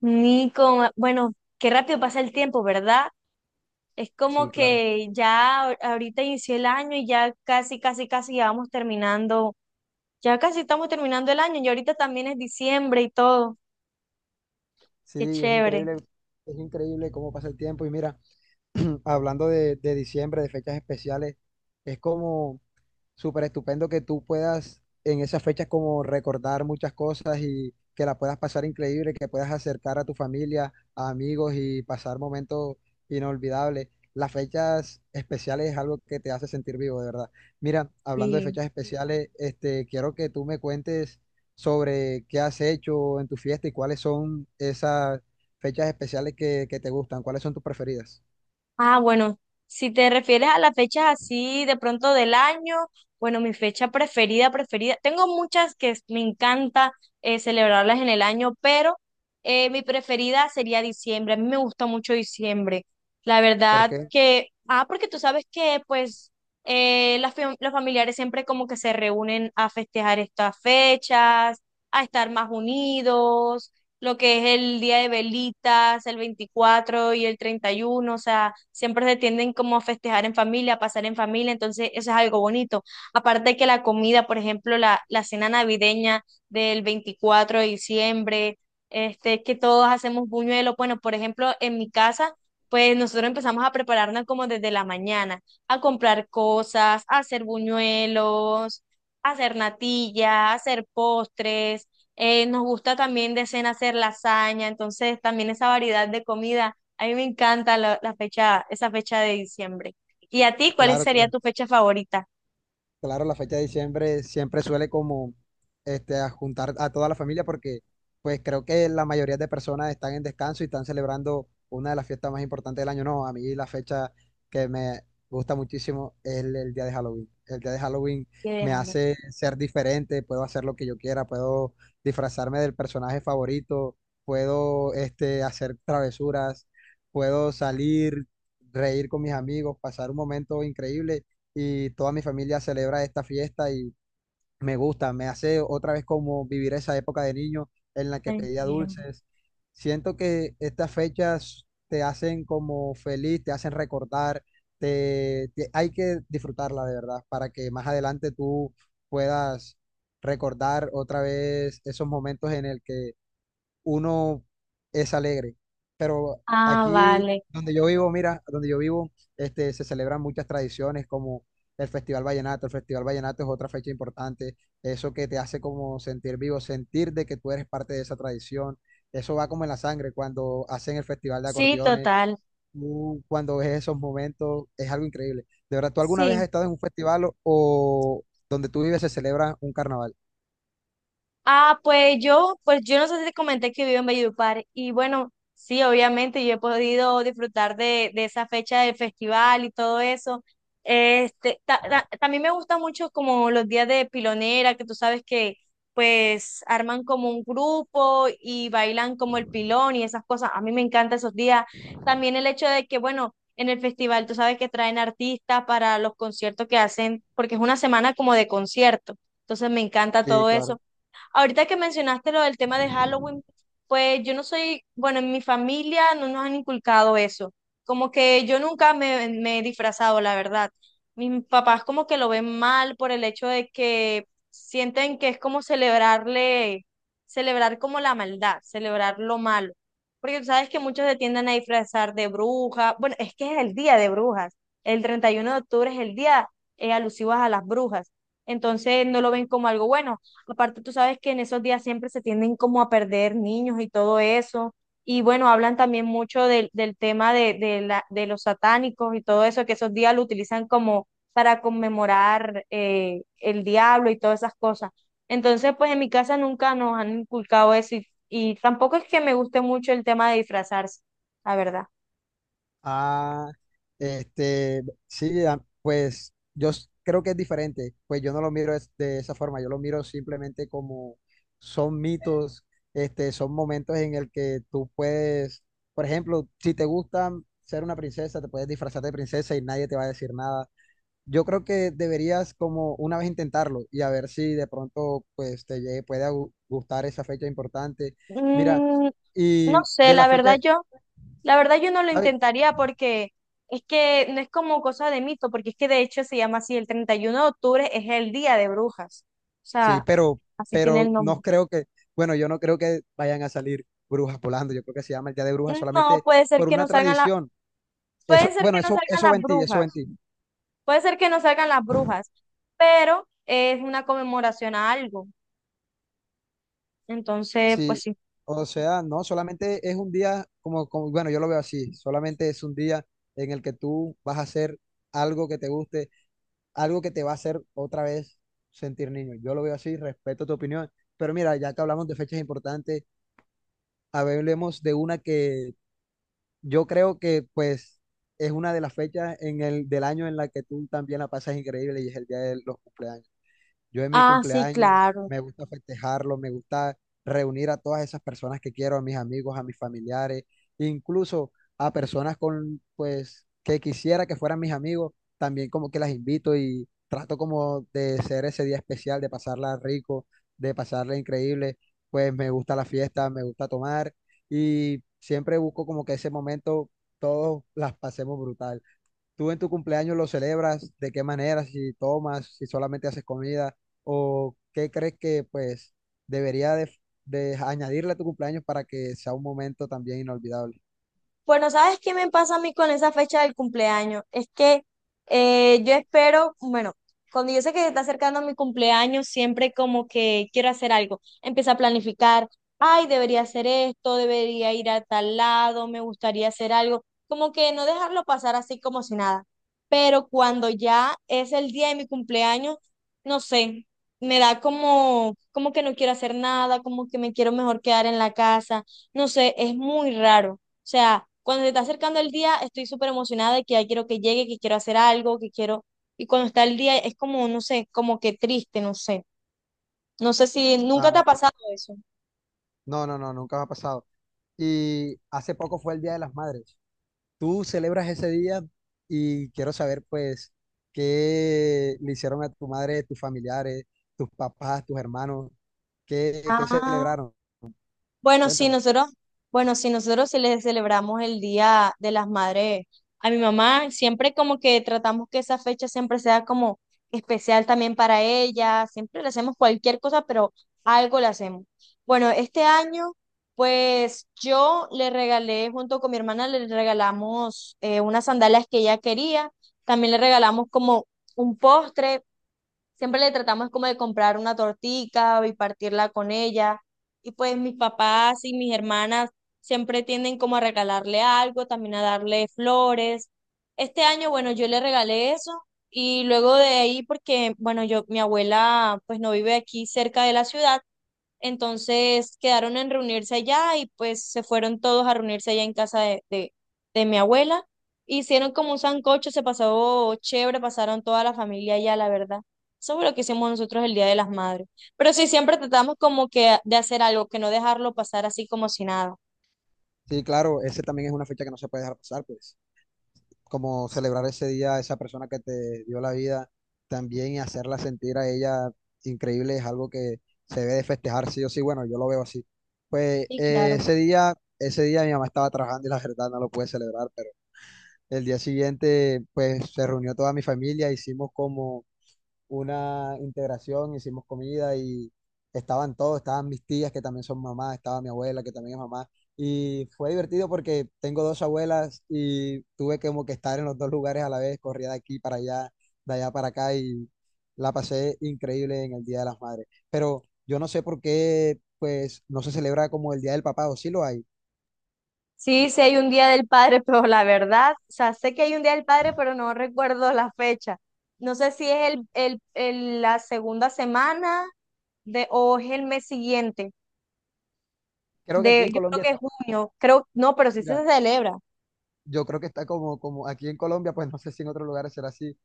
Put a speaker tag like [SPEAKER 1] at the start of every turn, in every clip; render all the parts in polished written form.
[SPEAKER 1] Nico, bueno, qué rápido pasa el tiempo, ¿verdad? Es
[SPEAKER 2] Sí,
[SPEAKER 1] como
[SPEAKER 2] claro.
[SPEAKER 1] que ya ahorita inició el año y ya casi, casi, casi ya vamos terminando, ya casi estamos terminando el año y ahorita también es diciembre y todo,
[SPEAKER 2] Sí,
[SPEAKER 1] qué
[SPEAKER 2] es
[SPEAKER 1] chévere.
[SPEAKER 2] increíble, es increíble cómo pasa el tiempo. Y mira, hablando de diciembre, de fechas especiales, es como súper estupendo que tú puedas en esas fechas como recordar muchas cosas y que la puedas pasar increíble, que puedas acercar a tu familia, a amigos y pasar momentos inolvidables. Las fechas especiales es algo que te hace sentir vivo, de verdad. Mira, hablando de
[SPEAKER 1] Sí.
[SPEAKER 2] fechas especiales, quiero que tú me cuentes sobre qué has hecho en tu fiesta y cuáles son esas fechas especiales que te gustan, cuáles son tus preferidas.
[SPEAKER 1] Ah, bueno, si te refieres a las fechas así de pronto del año, bueno, mi fecha preferida, preferida, tengo muchas me encanta celebrarlas en el año, pero mi preferida sería diciembre. A mí me gusta mucho diciembre. La verdad
[SPEAKER 2] Porque,
[SPEAKER 1] que, porque tú sabes que pues las los familiares siempre como que se reúnen a festejar estas fechas, a estar más unidos lo que es el día de velitas, el 24 y el 31, o sea, siempre se tienden como a festejar en familia, a pasar en familia, entonces eso es algo bonito. Aparte de que la comida, por ejemplo, la cena navideña del 24 de diciembre, que todos hacemos buñuelos, bueno, por ejemplo, en mi casa, pues nosotros empezamos a prepararnos como desde la mañana, a comprar cosas, a hacer buñuelos, a hacer natilla, a hacer postres. Nos gusta también de cena hacer lasaña, entonces también esa variedad de comida. A mí me encanta la fecha, esa fecha de diciembre. ¿Y a ti cuál
[SPEAKER 2] claro,
[SPEAKER 1] sería tu fecha favorita?
[SPEAKER 2] claro, la fecha de diciembre siempre suele como a juntar a toda la familia porque pues creo que la mayoría de personas están en descanso y están celebrando una de las fiestas más importantes del año. No, a mí la fecha que me gusta muchísimo es el día de Halloween. El día de Halloween
[SPEAKER 1] Que
[SPEAKER 2] me
[SPEAKER 1] déjalo,
[SPEAKER 2] hace ser diferente, puedo hacer lo que yo quiera, puedo disfrazarme del personaje favorito, puedo hacer travesuras, puedo salir, reír con mis amigos, pasar un momento increíble y toda mi familia celebra esta fiesta y me gusta, me hace otra vez como vivir esa época de niño en la que pedía
[SPEAKER 1] entiendo.
[SPEAKER 2] dulces. Siento que estas fechas te hacen como feliz, te hacen recordar, hay que disfrutarla de verdad para que más adelante tú puedas recordar otra vez esos momentos en el que uno es alegre. Pero
[SPEAKER 1] Ah,
[SPEAKER 2] aquí
[SPEAKER 1] vale.
[SPEAKER 2] donde yo vivo, mira, donde yo vivo, se celebran muchas tradiciones como el Festival Vallenato. El Festival Vallenato es otra fecha importante. Eso que te hace como sentir vivo, sentir de que tú eres parte de esa tradición. Eso va como en la sangre cuando hacen el Festival de
[SPEAKER 1] Sí,
[SPEAKER 2] Acordeones.
[SPEAKER 1] total.
[SPEAKER 2] Tú cuando ves esos momentos, es algo increíble. De verdad, ¿tú alguna vez has
[SPEAKER 1] Sí.
[SPEAKER 2] estado en un festival o donde tú vives se celebra un carnaval?
[SPEAKER 1] Ah, pues yo no sé si te comenté que vivo en Valledupar y bueno, sí, obviamente yo he podido disfrutar de esa fecha del festival y todo eso. También me gusta mucho como los días de pilonera, que tú sabes que pues arman como un grupo y bailan como el pilón y esas cosas. A mí me encantan esos días. También el hecho de que, bueno, en el festival tú sabes que traen artistas para los conciertos que hacen, porque es una semana como de concierto. Entonces me encanta
[SPEAKER 2] Sí,
[SPEAKER 1] todo
[SPEAKER 2] claro.
[SPEAKER 1] eso. Ahorita que mencionaste lo del tema de Halloween, pues yo no soy, bueno, en mi familia no nos han inculcado eso. Como que yo nunca me he disfrazado, la verdad. Mis papás como que lo ven mal por el hecho de que sienten que es como celebrarle, celebrar como la maldad, celebrar lo malo. Porque tú sabes que muchos se tienden a disfrazar de bruja. Bueno, es que es el día de brujas. El 31 de octubre es el día alusivo a las brujas. Entonces no lo ven como algo bueno. Aparte, tú sabes que en esos días siempre se tienden como a perder niños y todo eso. Y bueno, hablan también mucho del tema de los satánicos y todo eso, que esos días lo utilizan como para conmemorar el diablo y todas esas cosas. Entonces, pues en mi casa nunca nos han inculcado eso y tampoco es que me guste mucho el tema de disfrazarse, la verdad.
[SPEAKER 2] Ah, sí, ah, pues creo que es diferente, pues yo no lo miro de esa forma, yo lo miro simplemente como son mitos, son momentos en el que tú puedes, por ejemplo, si te gusta ser una princesa, te puedes disfrazar de princesa y nadie te va a decir nada. Yo creo que deberías como una vez intentarlo y a ver si de pronto pues te puede gustar esa fecha importante. Mira,
[SPEAKER 1] Mm, no
[SPEAKER 2] y
[SPEAKER 1] sé,
[SPEAKER 2] de la fecha,
[SPEAKER 1] La verdad yo no lo
[SPEAKER 2] ¿sabes?
[SPEAKER 1] intentaría porque es que no es como cosa de mito, porque es que de hecho se llama así, el 31 de octubre es el día de brujas. O
[SPEAKER 2] Sí,
[SPEAKER 1] sea, así tiene
[SPEAKER 2] pero
[SPEAKER 1] el
[SPEAKER 2] no
[SPEAKER 1] nombre.
[SPEAKER 2] creo que, bueno, yo no creo que vayan a salir brujas volando. Yo creo que se llama el Día de Brujas
[SPEAKER 1] No,
[SPEAKER 2] solamente por una tradición. Eso,
[SPEAKER 1] pueden ser
[SPEAKER 2] bueno,
[SPEAKER 1] que no salgan
[SPEAKER 2] eso
[SPEAKER 1] las
[SPEAKER 2] ventí, eso
[SPEAKER 1] brujas,
[SPEAKER 2] ventí.
[SPEAKER 1] puede ser que no salgan las brujas, pero es una conmemoración a algo. Entonces,
[SPEAKER 2] Sí,
[SPEAKER 1] pues sí.
[SPEAKER 2] o sea, no, solamente es un día como, como, bueno, yo lo veo así, solamente es un día en el que tú vas a hacer algo que te guste, algo que te va a hacer otra vez sentir niño. Yo lo veo así, respeto tu opinión. Pero mira, ya que hablamos de fechas importantes, hablemos de una que yo creo que pues es una de las fechas en del año en la que tú también la pasas increíble y es el día de los cumpleaños. Yo en mi
[SPEAKER 1] Ah, sí,
[SPEAKER 2] cumpleaños
[SPEAKER 1] claro.
[SPEAKER 2] me gusta festejarlo, me gusta reunir a todas esas personas que quiero, a mis amigos, a mis familiares, incluso a personas con, pues, que quisiera que fueran mis amigos, también como que las invito y trato como de ser ese día especial, de pasarla rico, de pasarla increíble, pues me gusta la fiesta, me gusta tomar y siempre busco como que ese momento todos las pasemos brutal. ¿Tú en tu cumpleaños lo celebras? ¿De qué manera? Si tomas, si solamente haces comida, o qué crees que pues debería de añadirle a tu cumpleaños para que sea un momento también inolvidable.
[SPEAKER 1] Bueno, ¿sabes qué me pasa a mí con esa fecha del cumpleaños? Es que yo espero, bueno, cuando yo sé que se está acercando mi cumpleaños, siempre como que quiero hacer algo. Empiezo a planificar, ay, debería hacer esto, debería ir a tal lado, me gustaría hacer algo. Como que no dejarlo pasar así como si nada. Pero cuando ya es el día de mi cumpleaños, no sé, me da como, como que no quiero hacer nada, como que me quiero mejor quedar en la casa. No sé, es muy raro. O sea, cuando se está acercando el día, estoy súper emocionada de que ya quiero que llegue, que quiero hacer algo, que quiero... Y cuando está el día, es como, no sé, como que triste, no sé. No sé si nunca te
[SPEAKER 2] Ah,
[SPEAKER 1] ha pasado eso.
[SPEAKER 2] no, no, no, nunca me ha pasado. Y hace poco fue el Día de las Madres. ¿Tú celebras ese día? Y quiero saber pues qué le hicieron a tu madre, tus familiares, tus papás, tus hermanos, qué
[SPEAKER 1] Ah.
[SPEAKER 2] celebraron.
[SPEAKER 1] Bueno, sí,
[SPEAKER 2] Cuéntame.
[SPEAKER 1] nosotros, bueno, sí, nosotros sí les celebramos el Día de las Madres a mi mamá. Siempre como que tratamos que esa fecha siempre sea como especial también para ella. Siempre le hacemos cualquier cosa, pero algo le hacemos. Bueno, este año, pues yo le regalé, junto con mi hermana, le regalamos unas sandalias que ella quería. También le regalamos como un postre. Siempre le tratamos como de comprar una tortica y partirla con ella. Y pues mis papás y mis hermanas siempre tienden como a regalarle algo, también a darle flores. Este año, bueno, yo le regalé eso y luego de ahí, porque, bueno, yo, mi abuela pues no vive aquí cerca de la ciudad, entonces quedaron en reunirse allá y pues se fueron todos a reunirse allá en casa de mi abuela. Hicieron como un sancocho, se pasó chévere, pasaron toda la familia allá, la verdad. Eso fue lo que hicimos nosotros el Día de las Madres. Pero sí, siempre tratamos como que de hacer algo, que no dejarlo pasar así como si nada.
[SPEAKER 2] Sí, claro, ese también es una fecha que no se puede dejar pasar, pues. Como celebrar ese día a esa persona que te dio la vida también y hacerla sentir a ella increíble es algo que se debe de festejar sí o sí, bueno, yo lo veo así. Pues
[SPEAKER 1] Sí, claro.
[SPEAKER 2] ese día mi mamá estaba trabajando y la verdad no lo pude celebrar, pero el día siguiente pues se reunió toda mi familia, hicimos como una integración, hicimos comida y estaban todos, estaban mis tías que también son mamás, estaba mi abuela que también es mamá. Y fue divertido porque tengo dos abuelas y tuve como que estar en los dos lugares a la vez, corría de aquí para allá, de allá para acá y la pasé increíble en el Día de las Madres. Pero yo no sé por qué, pues, no se celebra como el Día del Papá o sí lo hay.
[SPEAKER 1] Sí, sí hay un Día del Padre, pero la verdad, o sea, sé que hay un Día del Padre, pero no recuerdo la fecha. No sé si es la segunda semana de, o es el mes siguiente,
[SPEAKER 2] Creo que aquí
[SPEAKER 1] de,
[SPEAKER 2] en
[SPEAKER 1] yo creo
[SPEAKER 2] Colombia
[SPEAKER 1] que es
[SPEAKER 2] está,
[SPEAKER 1] junio, creo, no, pero sí
[SPEAKER 2] mira,
[SPEAKER 1] se celebra.
[SPEAKER 2] yo creo que está como, como aquí en Colombia, pues no sé si en otros lugares será así,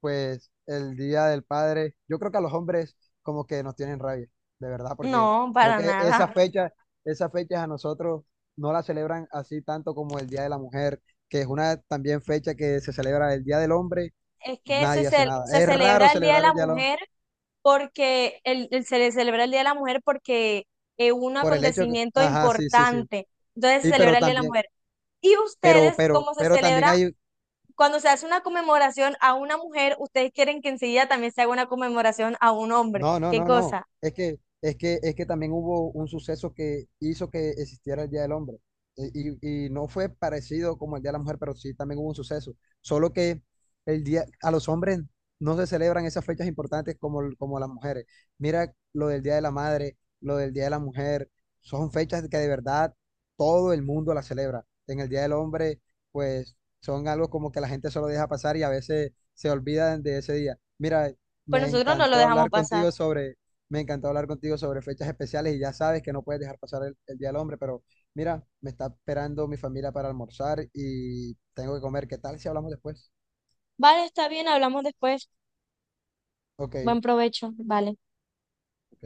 [SPEAKER 2] pues el Día del Padre, yo creo que a los hombres como que nos tienen rabia, de verdad, porque
[SPEAKER 1] No,
[SPEAKER 2] creo
[SPEAKER 1] para
[SPEAKER 2] que esa
[SPEAKER 1] nada.
[SPEAKER 2] fecha, esas fechas a nosotros no la celebran así tanto como el Día de la Mujer, que es una también fecha que se celebra el Día del Hombre,
[SPEAKER 1] Es que
[SPEAKER 2] nadie hace nada.
[SPEAKER 1] se
[SPEAKER 2] Es raro
[SPEAKER 1] celebra el Día de
[SPEAKER 2] celebrar
[SPEAKER 1] la
[SPEAKER 2] el Día del
[SPEAKER 1] Mujer
[SPEAKER 2] Hombre
[SPEAKER 1] porque, se le celebra el Día de la Mujer porque es un
[SPEAKER 2] por el hecho que,
[SPEAKER 1] acontecimiento
[SPEAKER 2] ajá, sí, sí, sí.
[SPEAKER 1] importante. Entonces se
[SPEAKER 2] Y pero
[SPEAKER 1] celebra el Día de la
[SPEAKER 2] también,
[SPEAKER 1] Mujer. ¿Y ustedes cómo se
[SPEAKER 2] pero también
[SPEAKER 1] celebra
[SPEAKER 2] hay
[SPEAKER 1] cuando se hace una conmemoración a una mujer, ustedes quieren que enseguida también se haga una conmemoración a un hombre?
[SPEAKER 2] no, no,
[SPEAKER 1] ¿Qué
[SPEAKER 2] no, no.
[SPEAKER 1] cosa?
[SPEAKER 2] Es que, es que también hubo un suceso que hizo que existiera el Día del Hombre. Y no fue parecido como el Día de la Mujer, pero sí también hubo un suceso. Solo que el día, a los hombres no se celebran esas fechas importantes como, como las mujeres. Mira lo del Día de la Madre, lo del Día de la Mujer. Son fechas que de verdad todo el mundo las celebra. En el Día del Hombre, pues son algo como que la gente solo deja pasar y a veces se olvidan de ese día. Mira.
[SPEAKER 1] Pues
[SPEAKER 2] Me
[SPEAKER 1] nosotros no lo
[SPEAKER 2] encantó
[SPEAKER 1] dejamos
[SPEAKER 2] hablar
[SPEAKER 1] pasar.
[SPEAKER 2] contigo sobre, me encantó hablar contigo sobre fechas especiales y ya sabes que no puedes dejar pasar el Día del Hombre, pero mira, me está esperando mi familia para almorzar y tengo que comer. ¿Qué tal si hablamos después?
[SPEAKER 1] Vale, está bien, hablamos después.
[SPEAKER 2] Ok.
[SPEAKER 1] Buen provecho, vale.
[SPEAKER 2] Ok.